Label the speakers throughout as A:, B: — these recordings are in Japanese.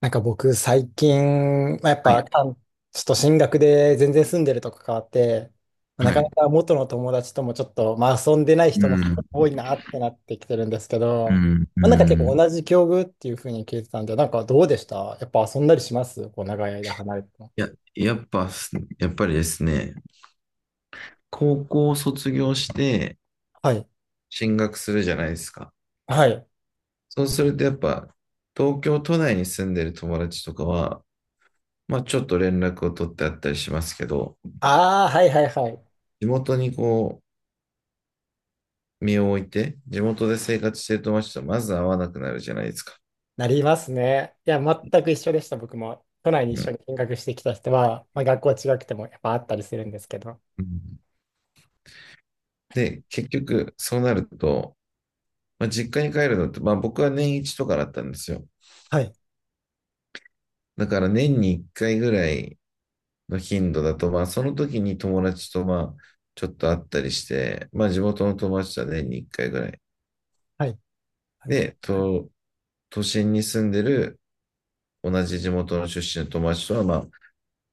A: なんか僕最近、まあ、やっ
B: は
A: ぱ、
B: い。
A: ちょっと進学で全然住んでるとこ変わって、まあな
B: は
A: かな
B: い。
A: か元の友達ともちょっと、まあ、遊んでない
B: う
A: 人も
B: ん、
A: 多いなってなってきてるんですけ
B: う
A: ど、
B: ん、う
A: まあ、なんか結構
B: ん。
A: 同じ境遇っていうふうに聞いてたんで、なんかどうでしたやっぱ遊んだりしますこう長い間離れても？
B: や、やっぱす、やっぱりですね、高校を卒業して
A: はい。
B: 進学するじゃないですか。
A: はい。
B: そうするとやっぱ、東京都内に住んでる友達とかは、まあちょっと連絡を取ってあったりしますけど、
A: ああ、はいはいはい。
B: 地元にこう、身を置いて、地元で生活してる友達とまず会わなくなるじゃないですか。
A: なりますね。いや、全く一緒でした、僕も。都内に
B: う
A: 一緒
B: ん。
A: に見学してきた人は、まあ、学校違くてもやっぱあったりするんですけど。
B: うん。で、結局、そうなると、まあ、実家に帰るのって、まあ僕は年一とかだったんですよ。
A: はい。
B: だから年に1回ぐらいの頻度だと、まあその時に友達とまあちょっと会ったりして、まあ地元の友達とは年に1回ぐらい。
A: はい。
B: で、都心に住んでる同じ地元の出身の友達とはまあ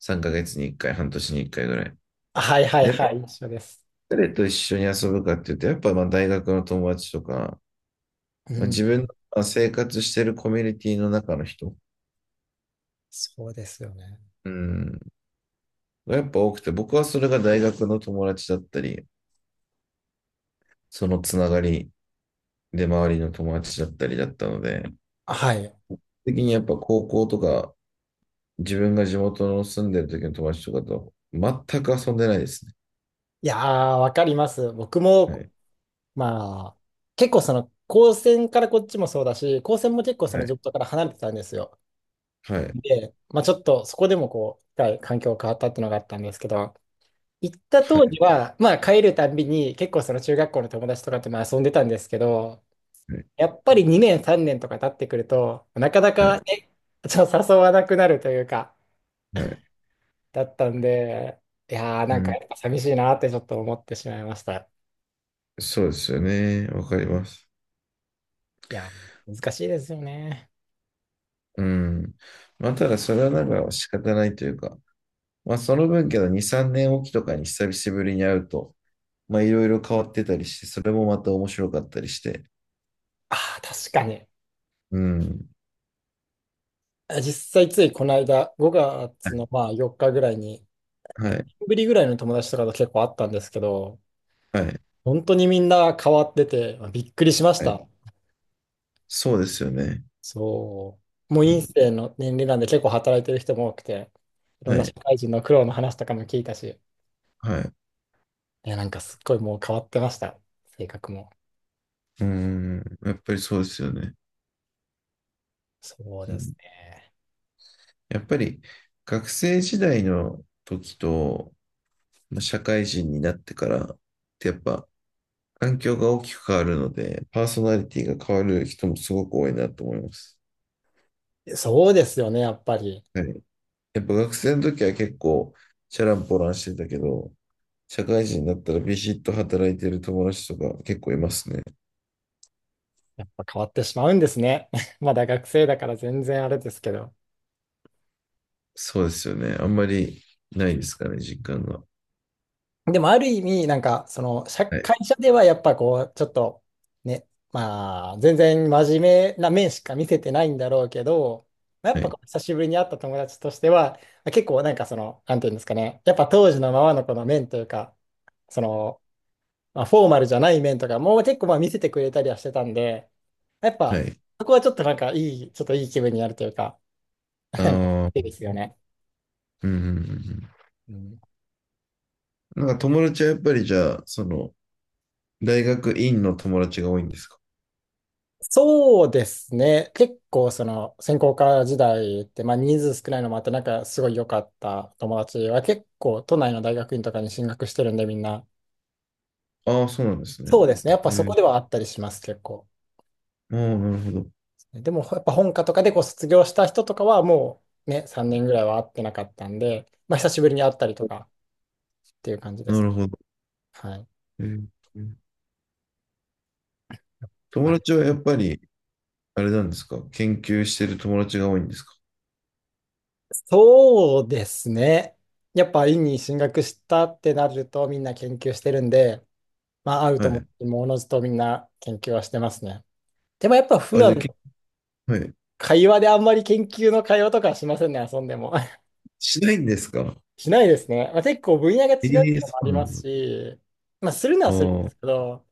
B: 3ヶ月に1回、半年に1回ぐらい。
A: はいはい
B: で、
A: はい、一緒です。
B: 誰と一緒に遊ぶかっていうと、やっぱまあ大学の友達とか、
A: う
B: まあ、
A: ん、
B: 自分の生活してるコミュニティの中の人、
A: そうですよね。
B: うん、がやっぱ多くて、僕はそれが大学の友達だったり、そのつながりで、周りの友達だったりだったので、
A: はい。
B: 的にやっぱ高校とか、自分が地元の住んでる時の友達とかと全く遊んでないですね。
A: いやー、わかります。僕
B: は
A: も、
B: い。
A: まあ、結構その、高専からこっちもそうだし、高専も結構そ
B: は
A: の地
B: い。
A: 元から離れてたんですよ。
B: はい。
A: で、まあちょっとそこでもこう、一回環境変わったっていうのがあったんですけど、行った当時
B: は
A: は、まあ帰るたんびに結構その中学校の友達とかとまあ遊んでたんですけど、
B: い。
A: やっぱり2年3年とか経ってくると、なかな
B: は
A: か
B: い。
A: ね、ちょっと誘わなくなるというか、
B: はい。
A: だったんで、いやー、
B: う
A: なんか
B: ん。
A: やっぱ寂しいなってちょっと思ってしまいました。
B: そうですよね。わかります。
A: いやー、難しいですよね。
B: うん。まあ、ただそれはなんか仕方ないというか、まあ、その分けど2、3年おきとかに久しぶりに会うと、まあ、いろいろ変わってたりして、それもまた面白かったりして。
A: ああ、確かに。
B: うん。
A: 実際ついこの間、5
B: は
A: 月
B: い。
A: のまあ4日ぐらいに、
B: は
A: 4
B: い。
A: 年ぶりぐらいの友達とかと結構あったんですけど、
B: はい。
A: 本当にみんな変わってて、まあびっくりしまし
B: はい。
A: た。
B: そうですよね。
A: そう。もう
B: う
A: 院
B: ん。
A: 生の年齢なんで結構働いてる人も多くて、いろん
B: は
A: な社
B: い。
A: 会人の苦労の話とかも聞いたし、
B: はい。う
A: いや、なんかすっごいもう変わってました。性格も。
B: ーん。やっぱりそうですよね。
A: そう
B: う
A: です
B: ん、
A: ね。
B: やっぱり学生時代の時と、まあ、社会人になってからってやっぱ環境が大きく変わるので、パーソナリティが変わる人もすごく多いなと思います。
A: そうですよね、やっぱり。
B: はい。やっぱ学生の時は結構チャランポランしてたけど、社会人になったらビシッと働いてる友達とか結構いますね。
A: やっぱ変わってしまうんですね。まだ学生だから全然あれですけど。
B: そうですよね。あんまりないですかね、実感が。
A: でもある意味、なんか、その、社
B: はい。
A: 会社ではやっぱこう、ちょっと、ね、まあ、全然真面目な面しか見せてないんだろうけど、まあやっ
B: は
A: ぱ
B: い。
A: こう久しぶりに会った友達としては、結構なんかその、なんていうんですかね、やっぱ当時のままのこの面というか、その、まあ、フォーマルじゃない面とかも結構まあ見せてくれたりはしてたんで、やっ
B: は
A: ぱ、
B: い。
A: そこはちょっとなんかいい、ちょっといい気分になるというか、なんか、
B: あ
A: いい
B: あ、
A: ですよね。
B: うんうんうんうん。
A: うん、
B: なんか友達はやっぱりじゃあ、その、大学院の友達が多いんですか？
A: そうですね。結構、その、専攻科時代って、まあ、人数少ないのもあって、なんか、すごい良かった友達は、結構、都内の大学院とかに進学してるんで、みんな。
B: ああー、そうなんですね。
A: そうですね。やっ
B: え
A: ぱそこ
B: ー、
A: ではあったりします、結構。
B: ああ、なるほど。
A: でも、やっぱ本科とかでこう卒業した人とかは、もうね、3年ぐらいは会ってなかったんで、まあ、久しぶりに会ったりとかっていう感じで
B: な
A: す。
B: るほど。
A: はい。
B: えー、
A: は
B: 友
A: い。
B: 達はやっぱり、あれなんですか？研究してる友達が多いんですか？
A: そうですね。やっぱ、院に進学したってなると、みんな研究してるんで、まあ、合う
B: は
A: と思っ
B: い。
A: て、もおのずとみんな研究はしてますね。でもやっぱ普
B: あ、じ
A: 段
B: ゃあ、け、
A: の
B: はい。
A: 会話であんまり研究の会話とかはしませんね、遊んでも。
B: しないんですか？
A: しないですね。まあ、結構分野が違うっ
B: え
A: て
B: え、
A: の
B: そ
A: もあ
B: う
A: り
B: な
A: ま
B: ん
A: す
B: だ。
A: し、まあ、するの
B: あ
A: はするんで
B: あ、
A: すけど、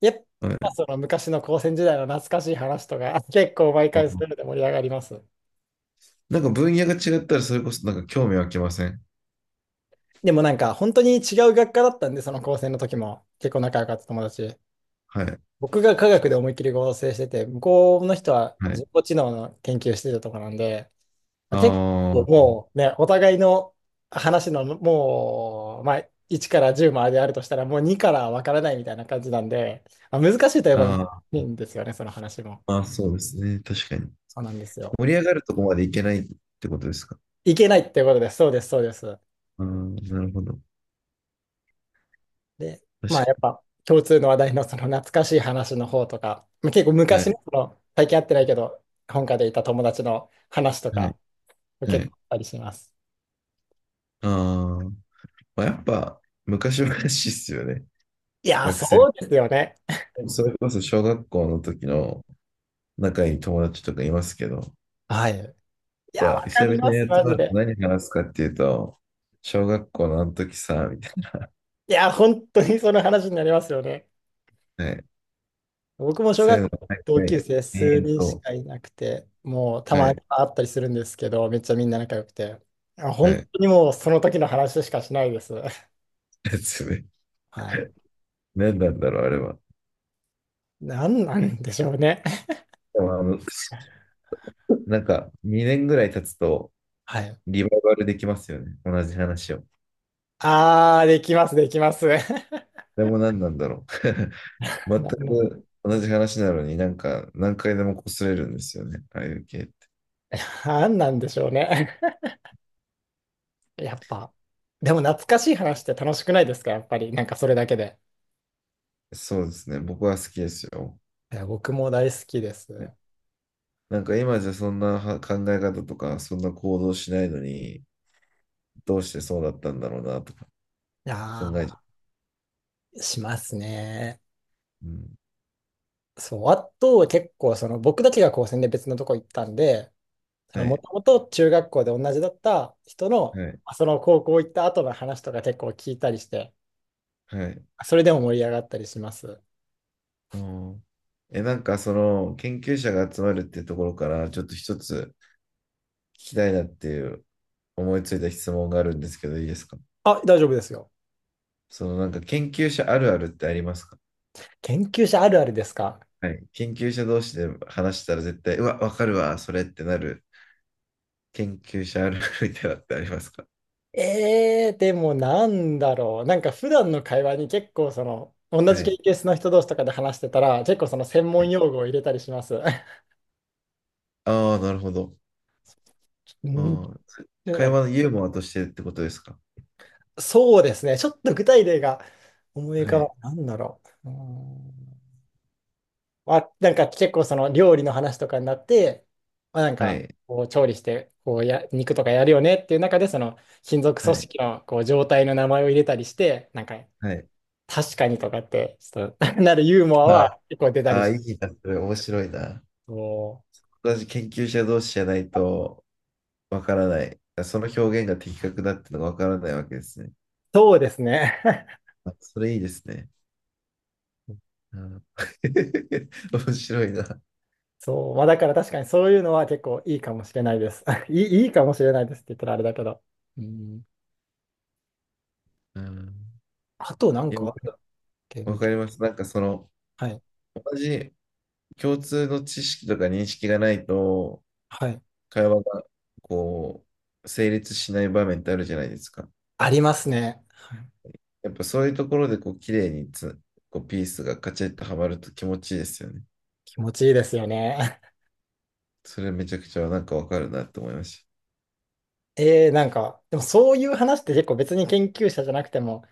A: やっ
B: はい。
A: ぱその昔の高専時代の懐かしい話とか、結構毎回するの
B: あ、
A: で盛り上がります。
B: なんか分野が違ったら、それこそなんか興味湧きません？
A: でもなんか本当に違う学科だったんで、その高専の時も結構仲良かった友達。
B: はい。
A: 僕が科学で思いっきり合成してて、向こうの人は
B: はい。
A: 人工知能の研究してたとこなんで、結構
B: あ
A: もうね、お互いの話のもう、まあ、1から10まであるとしたら、もう2からわからないみたいな感じなんで、まあ、難しいといえ
B: あ、
A: ば難し
B: ああ、
A: いんですよね、その話も。
B: まあそうですね。確かに。
A: そうなんですよ。
B: 盛り上がるとこまでいけないってことですか？
A: いけないっていうことです。そうです、そうです。
B: ああ、なるほど。
A: で、
B: 確
A: まあやっ
B: か
A: ぱ共通の話題のその懐かしい話の方とか、まあ結構
B: に。は
A: 昔の、
B: い。
A: その最近会ってないけど、本家でいた友達の話と
B: は
A: か、
B: い。は
A: 結構
B: い。
A: あったりします。
B: ああ。まあ、やっぱ、昔々っすよね。
A: いやー、
B: 学
A: そ
B: 生。
A: うですよね。
B: それこそ小学校の時の仲いい友達とかいますけど、や
A: はい。
B: っ
A: いや、わ
B: ぱ、
A: か
B: 久
A: り
B: 々
A: ます、
B: に集
A: マ
B: ま
A: ジ
B: ると
A: で。
B: 何話すかっていうと、小学校のあの時さ、みたい
A: いや、本当にその話になりますよね。
B: な。はい。
A: 僕も小
B: そうい
A: 学
B: うの、
A: 校
B: は
A: 同
B: い。は
A: 級
B: い。
A: 生
B: 延
A: 数人
B: 々
A: し
B: と。
A: かいなくて、もうた
B: は
A: まに
B: い。
A: 会ったりするんですけど、めっちゃみんな仲良くて、あ、本
B: はい。
A: 当にもうその時の話しかしないです。
B: やつね。
A: はい。
B: 何なんだろう、あれは。
A: なんなんでしょうね。
B: でも、あの、なんか、2年ぐらい経つと、
A: はい。
B: リバイバルできますよね。同じ話を。
A: あー、できます、できます。
B: でも何なんだろう。全
A: なん
B: く同じ話なのになんか何回でも擦れるんですよね。ああいう系って。
A: なんなんでしょうね。やっぱ、でも懐かしい話って楽しくないですか、やっぱり。なんかそれだけで。
B: そうですね。僕は好きですよ。
A: いや僕も大好きで
B: ね、
A: す。
B: なんか今じゃそんなは考え方とか、そんな行動しないのに、どうしてそうだったんだろうなとか考えちゃ
A: ああ、しますね。
B: う。うん。
A: そう、あとは結構その僕だけが高専で別のとこ行ったんで、
B: は
A: も
B: い。
A: ともと中学校で同じだった人の、
B: はい。
A: まあその高校行った後の話とか結構聞いたりして、
B: はい。
A: それでも盛り上がったりします。
B: うん。え、なんかその研究者が集まるっていうところから、ちょっと一つ聞きたいなっていう、思いついた質問があるんですけど、いいですか？
A: あ、大丈夫ですよ。
B: そのなんか研究者あるあるってありますか？
A: 研究者あるあるですか？
B: はい、研究者同士で話したら絶対、うわ、わかるわ、それってなる研究者あるあるみたいなのってありますか？
A: でもなんだろう。なんか普段の会話に結構その、同
B: は
A: じ研
B: い。
A: 究室の人同士とかで話してたら、結構その専
B: は
A: 門
B: い、
A: 用語を入れたりします。
B: ああ、なるほど。
A: う
B: あ
A: ん。
B: あ、そ、
A: で
B: 会
A: も
B: 話のユーモアとしてってことですか？
A: そうですね。ちょっと具体例が思い浮
B: は
A: かば
B: い。
A: ない。なんだろう。うーん。まあ、なんか結構その料理の話とかになって、まあ、なん
B: は
A: か
B: い。
A: こう調理してこうや肉とかやるよねっていう中でその金属
B: は
A: 組
B: い。
A: 織のこう状態の名前を入れたりして、なんか
B: はい。
A: 確かにとかってちょっと なるユーモア
B: あ
A: は結構出たり
B: あ、い
A: し
B: い
A: ま
B: な、
A: す。
B: それ面白いな。
A: そう、
B: 私、研究者同士じゃないとわからない。その表現が的確だってのがわからないわけですね。
A: そうですね。
B: あ、それいいですね。うん、面白いな。
A: そう、まあ、だから確かにそういうのは結構いいかもしれないです。いいかもしれないですって言ったらあれだけど。うん。
B: うん、
A: あとなん
B: いや、
A: か、け
B: わ
A: ん
B: かります。なんかその、
A: はい。
B: 同じ共通の知識とか認識がないと、
A: はい。
B: 会話がこう、成立しない場面ってあるじゃないですか。
A: ありますね。はい。
B: やっぱそういうところでこう、綺麗にこう、ピースがカチッとはまると気持ちいいですよね。
A: 気持ちいいですよね。
B: それめちゃくちゃなんかわかるなって思いまし
A: なんか、でもそういう話って結構別に研究者じゃなくても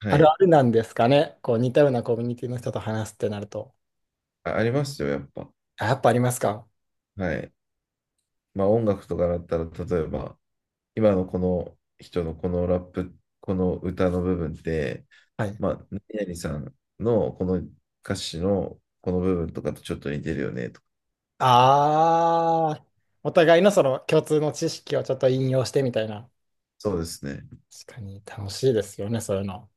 B: た。は
A: ある
B: い。
A: あるなんですかね。こう似たようなコミュニティの人と話すってなると。
B: あ、ありますよ、やっぱ。
A: あ、やっぱありますか。
B: はい。まあ音楽とかだったら、例えば、今のこの人のこのラップ、この歌の部分って、
A: はい。
B: まあ、何々さんのこの歌詞のこの部分とかとちょっと似てるよねとか。
A: ああ、お互いのその共通の知識をちょっと引用してみたいな。
B: そうですね。
A: 確かに楽しいですよね、そういうの。